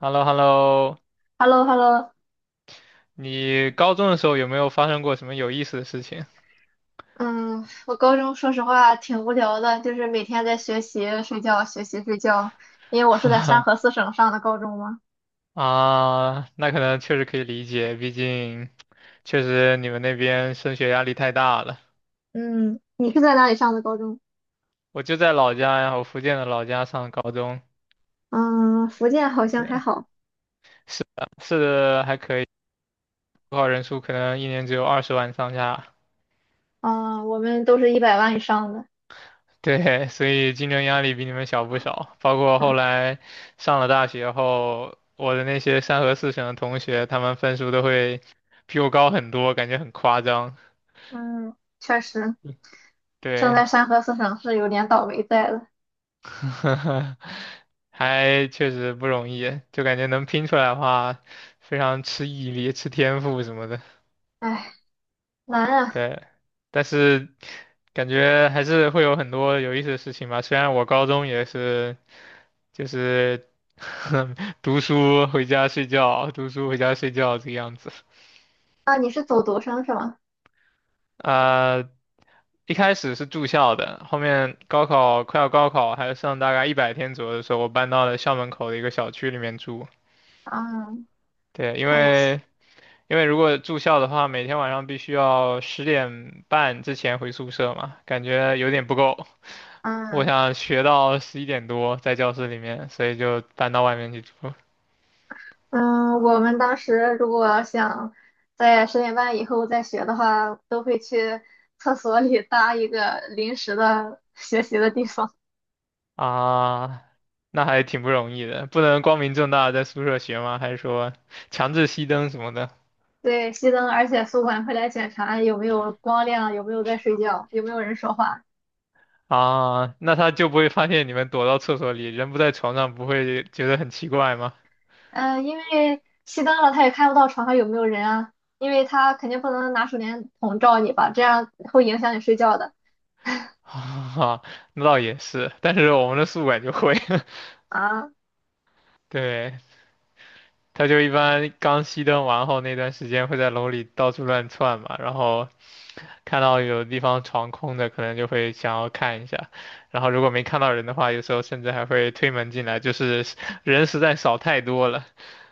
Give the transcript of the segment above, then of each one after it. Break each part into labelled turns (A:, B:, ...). A: h e l l o h e l l o
B: h e l l o h e l l o
A: 你高中的时候有没有发生过什么有意思的事情？
B: 嗯，我高中说实话挺无聊的，就是每天在学习、睡觉、学习、睡觉。因为我是在山河 四省上的高中嘛。
A: 啊，那可能确实可以理解，毕竟确实你们那边升学压力太大了。
B: 嗯，你是在哪里上的高中？
A: 我就在老家呀，我福建的老家上高中，
B: 嗯，福建好像
A: 对，
B: 还好。
A: 是的，是的还可以，高考人数可能一年只有20万上下，
B: 嗯，我们都是100万以上的。
A: 对，所以竞争压力比你们小不少。包括
B: 嗯
A: 后来上了大学后，我的那些三河四省的同学，他们分数都会比我高很多，感觉很夸张。
B: 嗯，确实，生
A: 对，
B: 在山河四省是有点倒霉在了。
A: 还确实不容易，就感觉能拼出来的话，非常吃毅力、吃天赋什么的。
B: 唉，难啊！
A: 对，但是感觉还是会有很多有意思的事情吧。虽然我高中也是，就是 读书回家睡觉，读书回家睡觉这个样子。
B: 啊，你是走读生是吗？
A: 啊，一开始是住校的，后面高考快要高考，还有剩大概100天左右的时候，我搬到了校门口的一个小区里面住。
B: 嗯，
A: 对，因
B: 可以。
A: 为因为如果住校的话，每天晚上必须要10点半之前回宿舍嘛，感觉有点不够。我
B: 嗯，
A: 想学到11点多在教室里面，所以就搬到外面去住
B: 嗯，我们当时如果想在10点半以后再学的话，都会去厕所里搭一个临时的学习的地方。
A: 啊。那还挺不容易的，不能光明正大地在宿舍学吗？还是说强制熄灯什么的
B: 对，熄灯，而且宿管会来检查有没有光亮，有没有在睡觉，有没有人说话。
A: 啊？那他就不会发现你们躲到厕所里，人不在床上，不会觉得很奇怪吗？
B: 嗯、因为熄灯了，他也看不到床上有没有人啊，因为他肯定不能拿手电筒照你吧，这样会影响你睡觉的
A: 啊，那倒也是，但是我们的宿管就会，
B: 啊。
A: 对，他就一般刚熄灯完后那段时间会在楼里到处乱窜嘛，然后看到有地方床空的，可能就会想要看一下，然后如果没看到人的话，有时候甚至还会推门进来，就是人实在少太多了，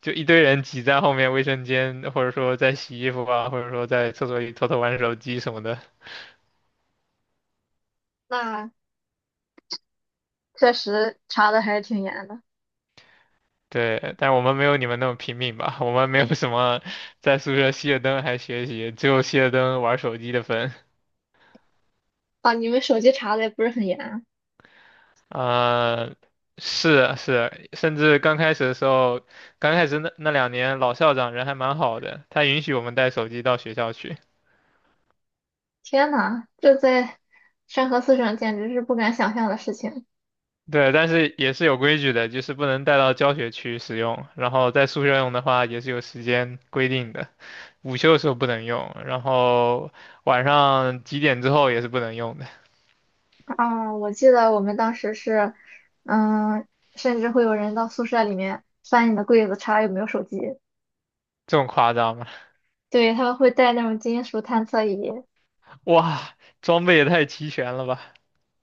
A: 就一堆人挤在后面卫生间，或者说在洗衣服啊，或者说在厕所里偷偷玩手机什么的。
B: 那确实查的还是挺严的
A: 对，但我们没有你们那么拼命吧，我们没有什么在宿舍熄了灯还学习，只有熄了灯玩手机的份。
B: 啊，你们手机查的也不是很严啊。
A: 呃，是是，甚至刚开始的时候，刚开始那2年，老校长人还蛮好的，他允许我们带手机到学校去。
B: 天呐，这在山河四省简直是不敢想象的事情
A: 对，但是也是有规矩的，就是不能带到教学区使用，然后在宿舍用的话也是有时间规定的，午休的时候不能用，然后晚上几点之后也是不能用的，
B: 啊！我记得我们当时是，嗯，甚至会有人到宿舍里面翻你的柜子查有没有手机，
A: 这么夸张吗？
B: 对，他们会带那种金属探测仪，
A: 哇，装备也太齐全了吧？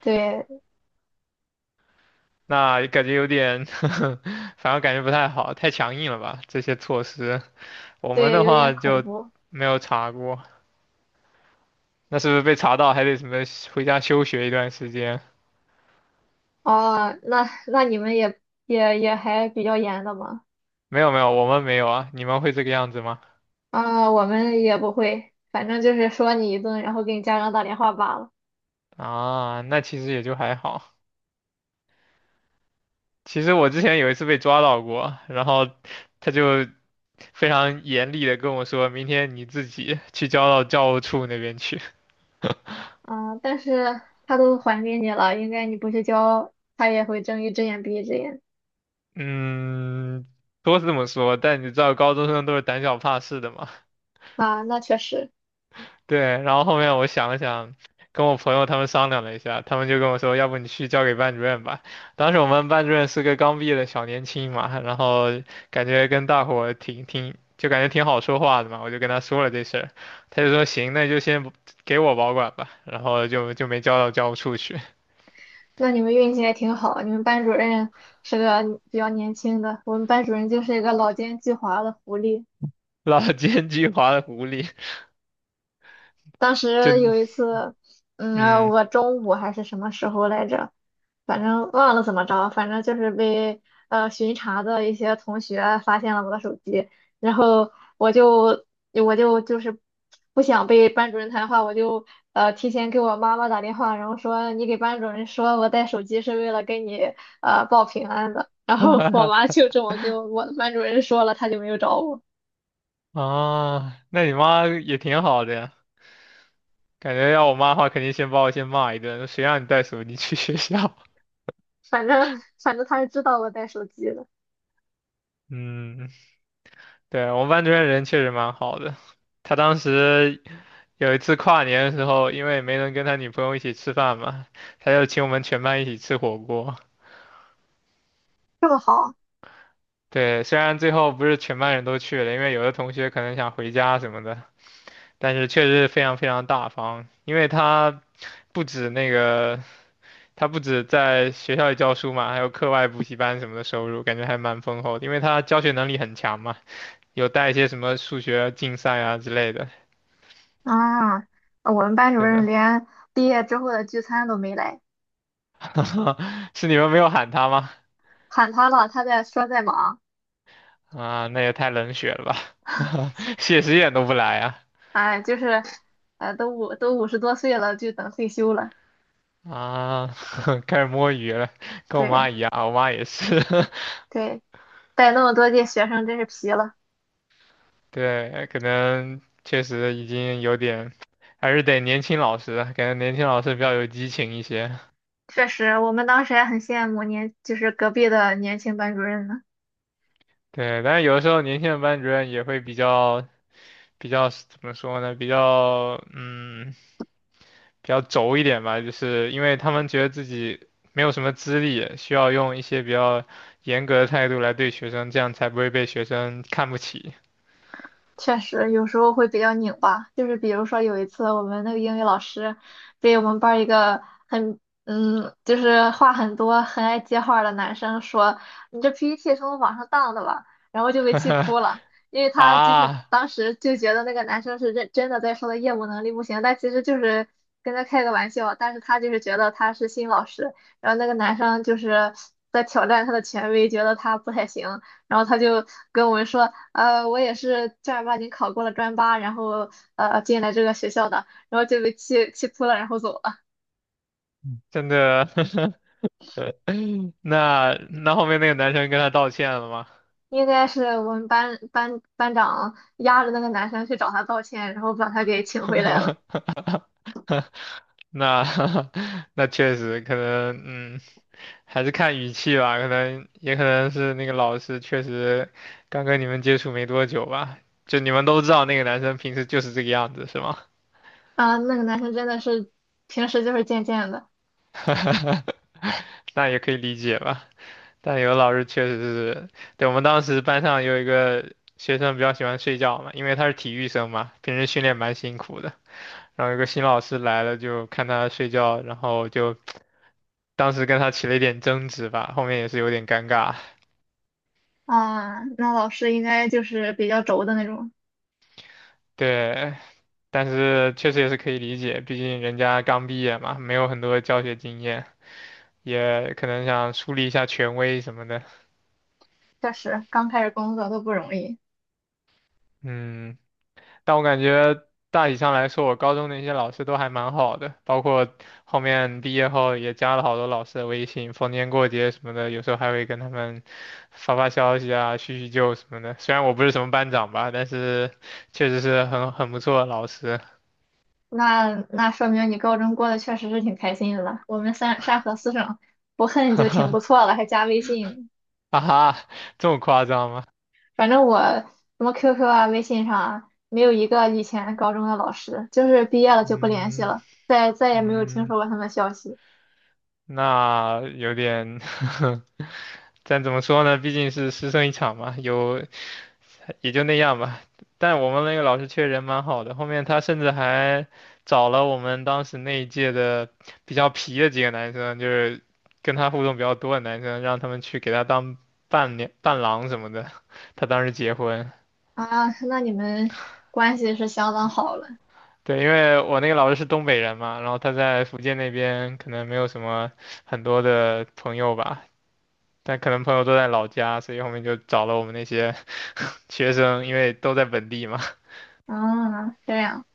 B: 对
A: 那感觉有点 反而感觉不太好，太强硬了吧？这些措施。我们
B: 对，
A: 的
B: 有
A: 话
B: 点恐
A: 就
B: 怖
A: 没有查过，那是不是被查到还得什么回家休学一段时间？
B: 哦。那你们也还比较严的嘛？
A: 没有没有，我们没有啊，你们会这个样子吗？
B: 啊，我们也不会，反正就是说你一顿，然后给你家长打电话罢了。
A: 啊，那其实也就还好。其实我之前有一次被抓到过，然后他就非常严厉的跟我说，明天你自己去交到教务处那边去。
B: 嗯，但是他都还给你了，应该你不去交，他也会睁一只眼闭一只眼
A: 嗯，都是这么说，但你知道高中生都是胆小怕事的嘛，
B: 啊。那确实，
A: 对，然后后面我想了想，跟我朋友他们商量了一下，他们就跟我说，要不你去交给班主任吧。当时我们班主任是个刚毕业的小年轻嘛，然后感觉跟大伙儿挺，就感觉挺好说话的嘛，我就跟他说了这事儿，他就说行，那就先不给我保管吧，然后就没交到教务处去，
B: 那你们运气也挺好，你们班主任是个比较年轻的，我们班主任就是一个老奸巨猾的狐狸。
A: 老奸巨猾的狐狸，
B: 当
A: 就
B: 时有一次，嗯，
A: 嗯，
B: 我中午还是什么时候来着，反正忘了怎么着，反正就是被巡查的一些同学发现了我的手机，然后我就不想被班主任谈话，我就提前给我妈妈打电话，然后说你给班主任说我带手机是为了跟你报平安的，然后我妈 就这么给我的班主任说了，他就没有找我，
A: 啊，那你妈也挺好的呀。感觉要我妈的话，肯定先把我先骂一顿，谁让你带手机去学校？
B: 反正反正他是知道我带手机的。
A: 嗯，对，我们班主任人确实蛮好的。他当时有一次跨年的时候，因为没能跟他女朋友一起吃饭嘛，他就请我们全班一起吃火锅。
B: 这么好。
A: 对，虽然最后不是全班人都去了，因为有的同学可能想回家什么的，但是确实非常非常大方，因为他不止那个，他不止在学校里教书嘛，还有课外补习班什么的收入，感觉还蛮丰厚的，因为他教学能力很强嘛，有带一些什么数学竞赛啊之类的。
B: 啊，我们班主
A: 对
B: 任
A: 的。
B: 连毕业之后的聚餐都没来，
A: 是你们没有喊他吗？
B: 喊他了，他在说在忙，
A: 啊，那也太冷血了吧！谢师宴都不来啊！
B: 哎，就是，都50多岁了，就等退休了。
A: 啊，开始摸鱼了，跟我
B: 对
A: 妈一样，我妈也是。
B: 对，带那么多届学生真是皮了。
A: 对，可能确实已经有点，还是得年轻老师，感觉年轻老师比较有激情一些。
B: 确实，我们当时还很羡慕就是隔壁的年轻班主任呢。
A: 对，但是有的时候年轻的班主任也会比较怎么说呢？比较嗯，比较轴一点吧，就是因为他们觉得自己没有什么资历，需要用一些比较严格的态度来对学生，这样才不会被学生看不起。
B: 确实，有时候会比较拧巴。就是比如说有一次，我们那个英语老师被我们班儿一个很就是话很多、很爱接话儿的男生说："你这 PPT 是从网上当的吧？"然后就被气 哭了，因为他就是
A: 啊，
B: 当时就觉得那个男生是认真的在说他业务能力不行，但其实就是跟他开个玩笑，但是他就是觉得他是新老师，然后那个男生就是在挑战他的权威，觉得他不太行。然后他就跟我们说：我也是正儿八经考过了专八，然后进来这个学校的，然后就被气哭了，然后走了。
A: 真的？那后面那个男生跟他道歉了吗？
B: 应该是我们班长压着那个男生去找他道歉，然后把他给请回来了。
A: 那 那确实可能，嗯，还是看语气吧，可能也可能是那个老师确实刚跟你们接触没多久吧，就你们都知道那个男生平时就是这个样子，是吗？
B: 啊、那个男生真的是平时就是贱贱的
A: 那也可以理解吧。但有的老师确实是，对，我们当时班上有一个学生比较喜欢睡觉嘛，因为他是体育生嘛，平时训练蛮辛苦的。然后有个新老师来了，就看他睡觉，然后就当时跟他起了一点争执吧，后面也是有点尴尬。
B: 啊、那老师应该就是比较轴的那种，
A: 对，但是确实也是可以理解，毕竟人家刚毕业嘛，没有很多教学经验，也可能想树立一下权威什么的。
B: 确实刚开始工作都不容易。
A: 嗯，但我感觉大体上来说，我高中的一些老师都还蛮好的，包括后面毕业后也加了好多老师的微信，逢年过节什么的，有时候还会跟他们发发消息啊，叙叙旧什么的。虽然我不是什么班长吧，但是确实是很不错的老师。
B: 那说明你高中过得确实是挺开心的了。我们山河四省不 恨
A: 哈
B: 就挺
A: 哈，
B: 不错了，还加微信。
A: 啊哈，这么夸张吗？
B: 反正我什么 QQ 啊、微信上啊，没有一个以前高中的老师，就是毕业了就不联系
A: 嗯
B: 了，再也没有听
A: 嗯，
B: 说过他们消息
A: 那有点，但怎么说呢？毕竟是师生一场嘛，有也就那样吧。但我们那个老师确实人蛮好的，后面他甚至还找了我们当时那一届的比较皮的几个男生，就是跟他互动比较多的男生，让他们去给他当伴娘、伴郎什么的。他当时结婚，
B: 啊。那你们关系是相当好了，
A: 对，因为我那个老师是东北人嘛，然后他在福建那边可能没有什么很多的朋友吧。但可能朋友都在老家，所以后面就找了我们那些 学生，因为都在本地嘛。
B: 啊，这样，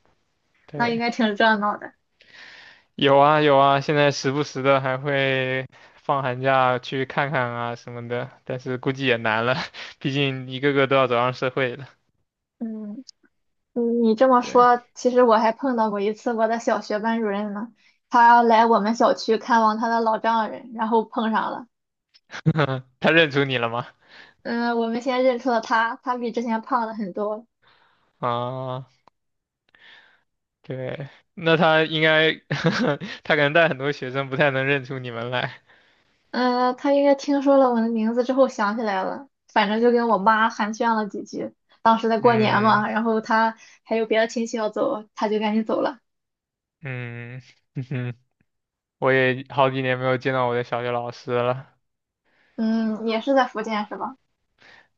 B: 那应
A: 对，
B: 该挺热闹的。
A: 有啊有啊，现在时不时的还会放寒假去看看啊什么的，但是估计也难了，毕竟一个个都要走上社会了。
B: 嗯，你你这么
A: 对，
B: 说，其实我还碰到过一次我的小学班主任呢，他来我们小区看望他的老丈人，然后碰上了。
A: 他认出你了吗？
B: 嗯，我们先认出了他，他比之前胖了很多，
A: 啊，对，那他应该，他可能带很多学生，不太能认出你们来。
B: 嗯，他应该听说了我的名字之后想起来了，反正就跟我妈寒暄了几句。当时在过年
A: 嗯
B: 嘛，然后他还有别的亲戚要走，他就赶紧走了。
A: 嗯嗯哼，我也好几年没有见到我的小学老师了。
B: 嗯，也是在福建是吧？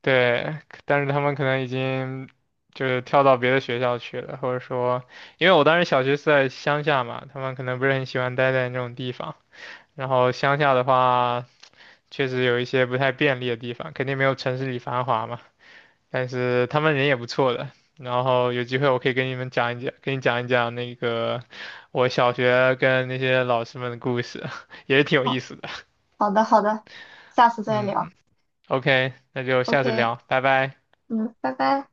A: 对，但是他们可能已经就是跳到别的学校去了，或者说，因为我当时小学是在乡下嘛，他们可能不是很喜欢待在那种地方。然后乡下的话，确实有一些不太便利的地方，肯定没有城市里繁华嘛。但是他们人也不错的。然后有机会我可以跟你们讲一讲，跟你讲一讲那个我小学跟那些老师们的故事，也是挺有意
B: 好，
A: 思的。
B: 好的，好的，下次再
A: 嗯
B: 聊。
A: ，OK，那就下次
B: OK，
A: 聊，拜拜。
B: 嗯，拜拜。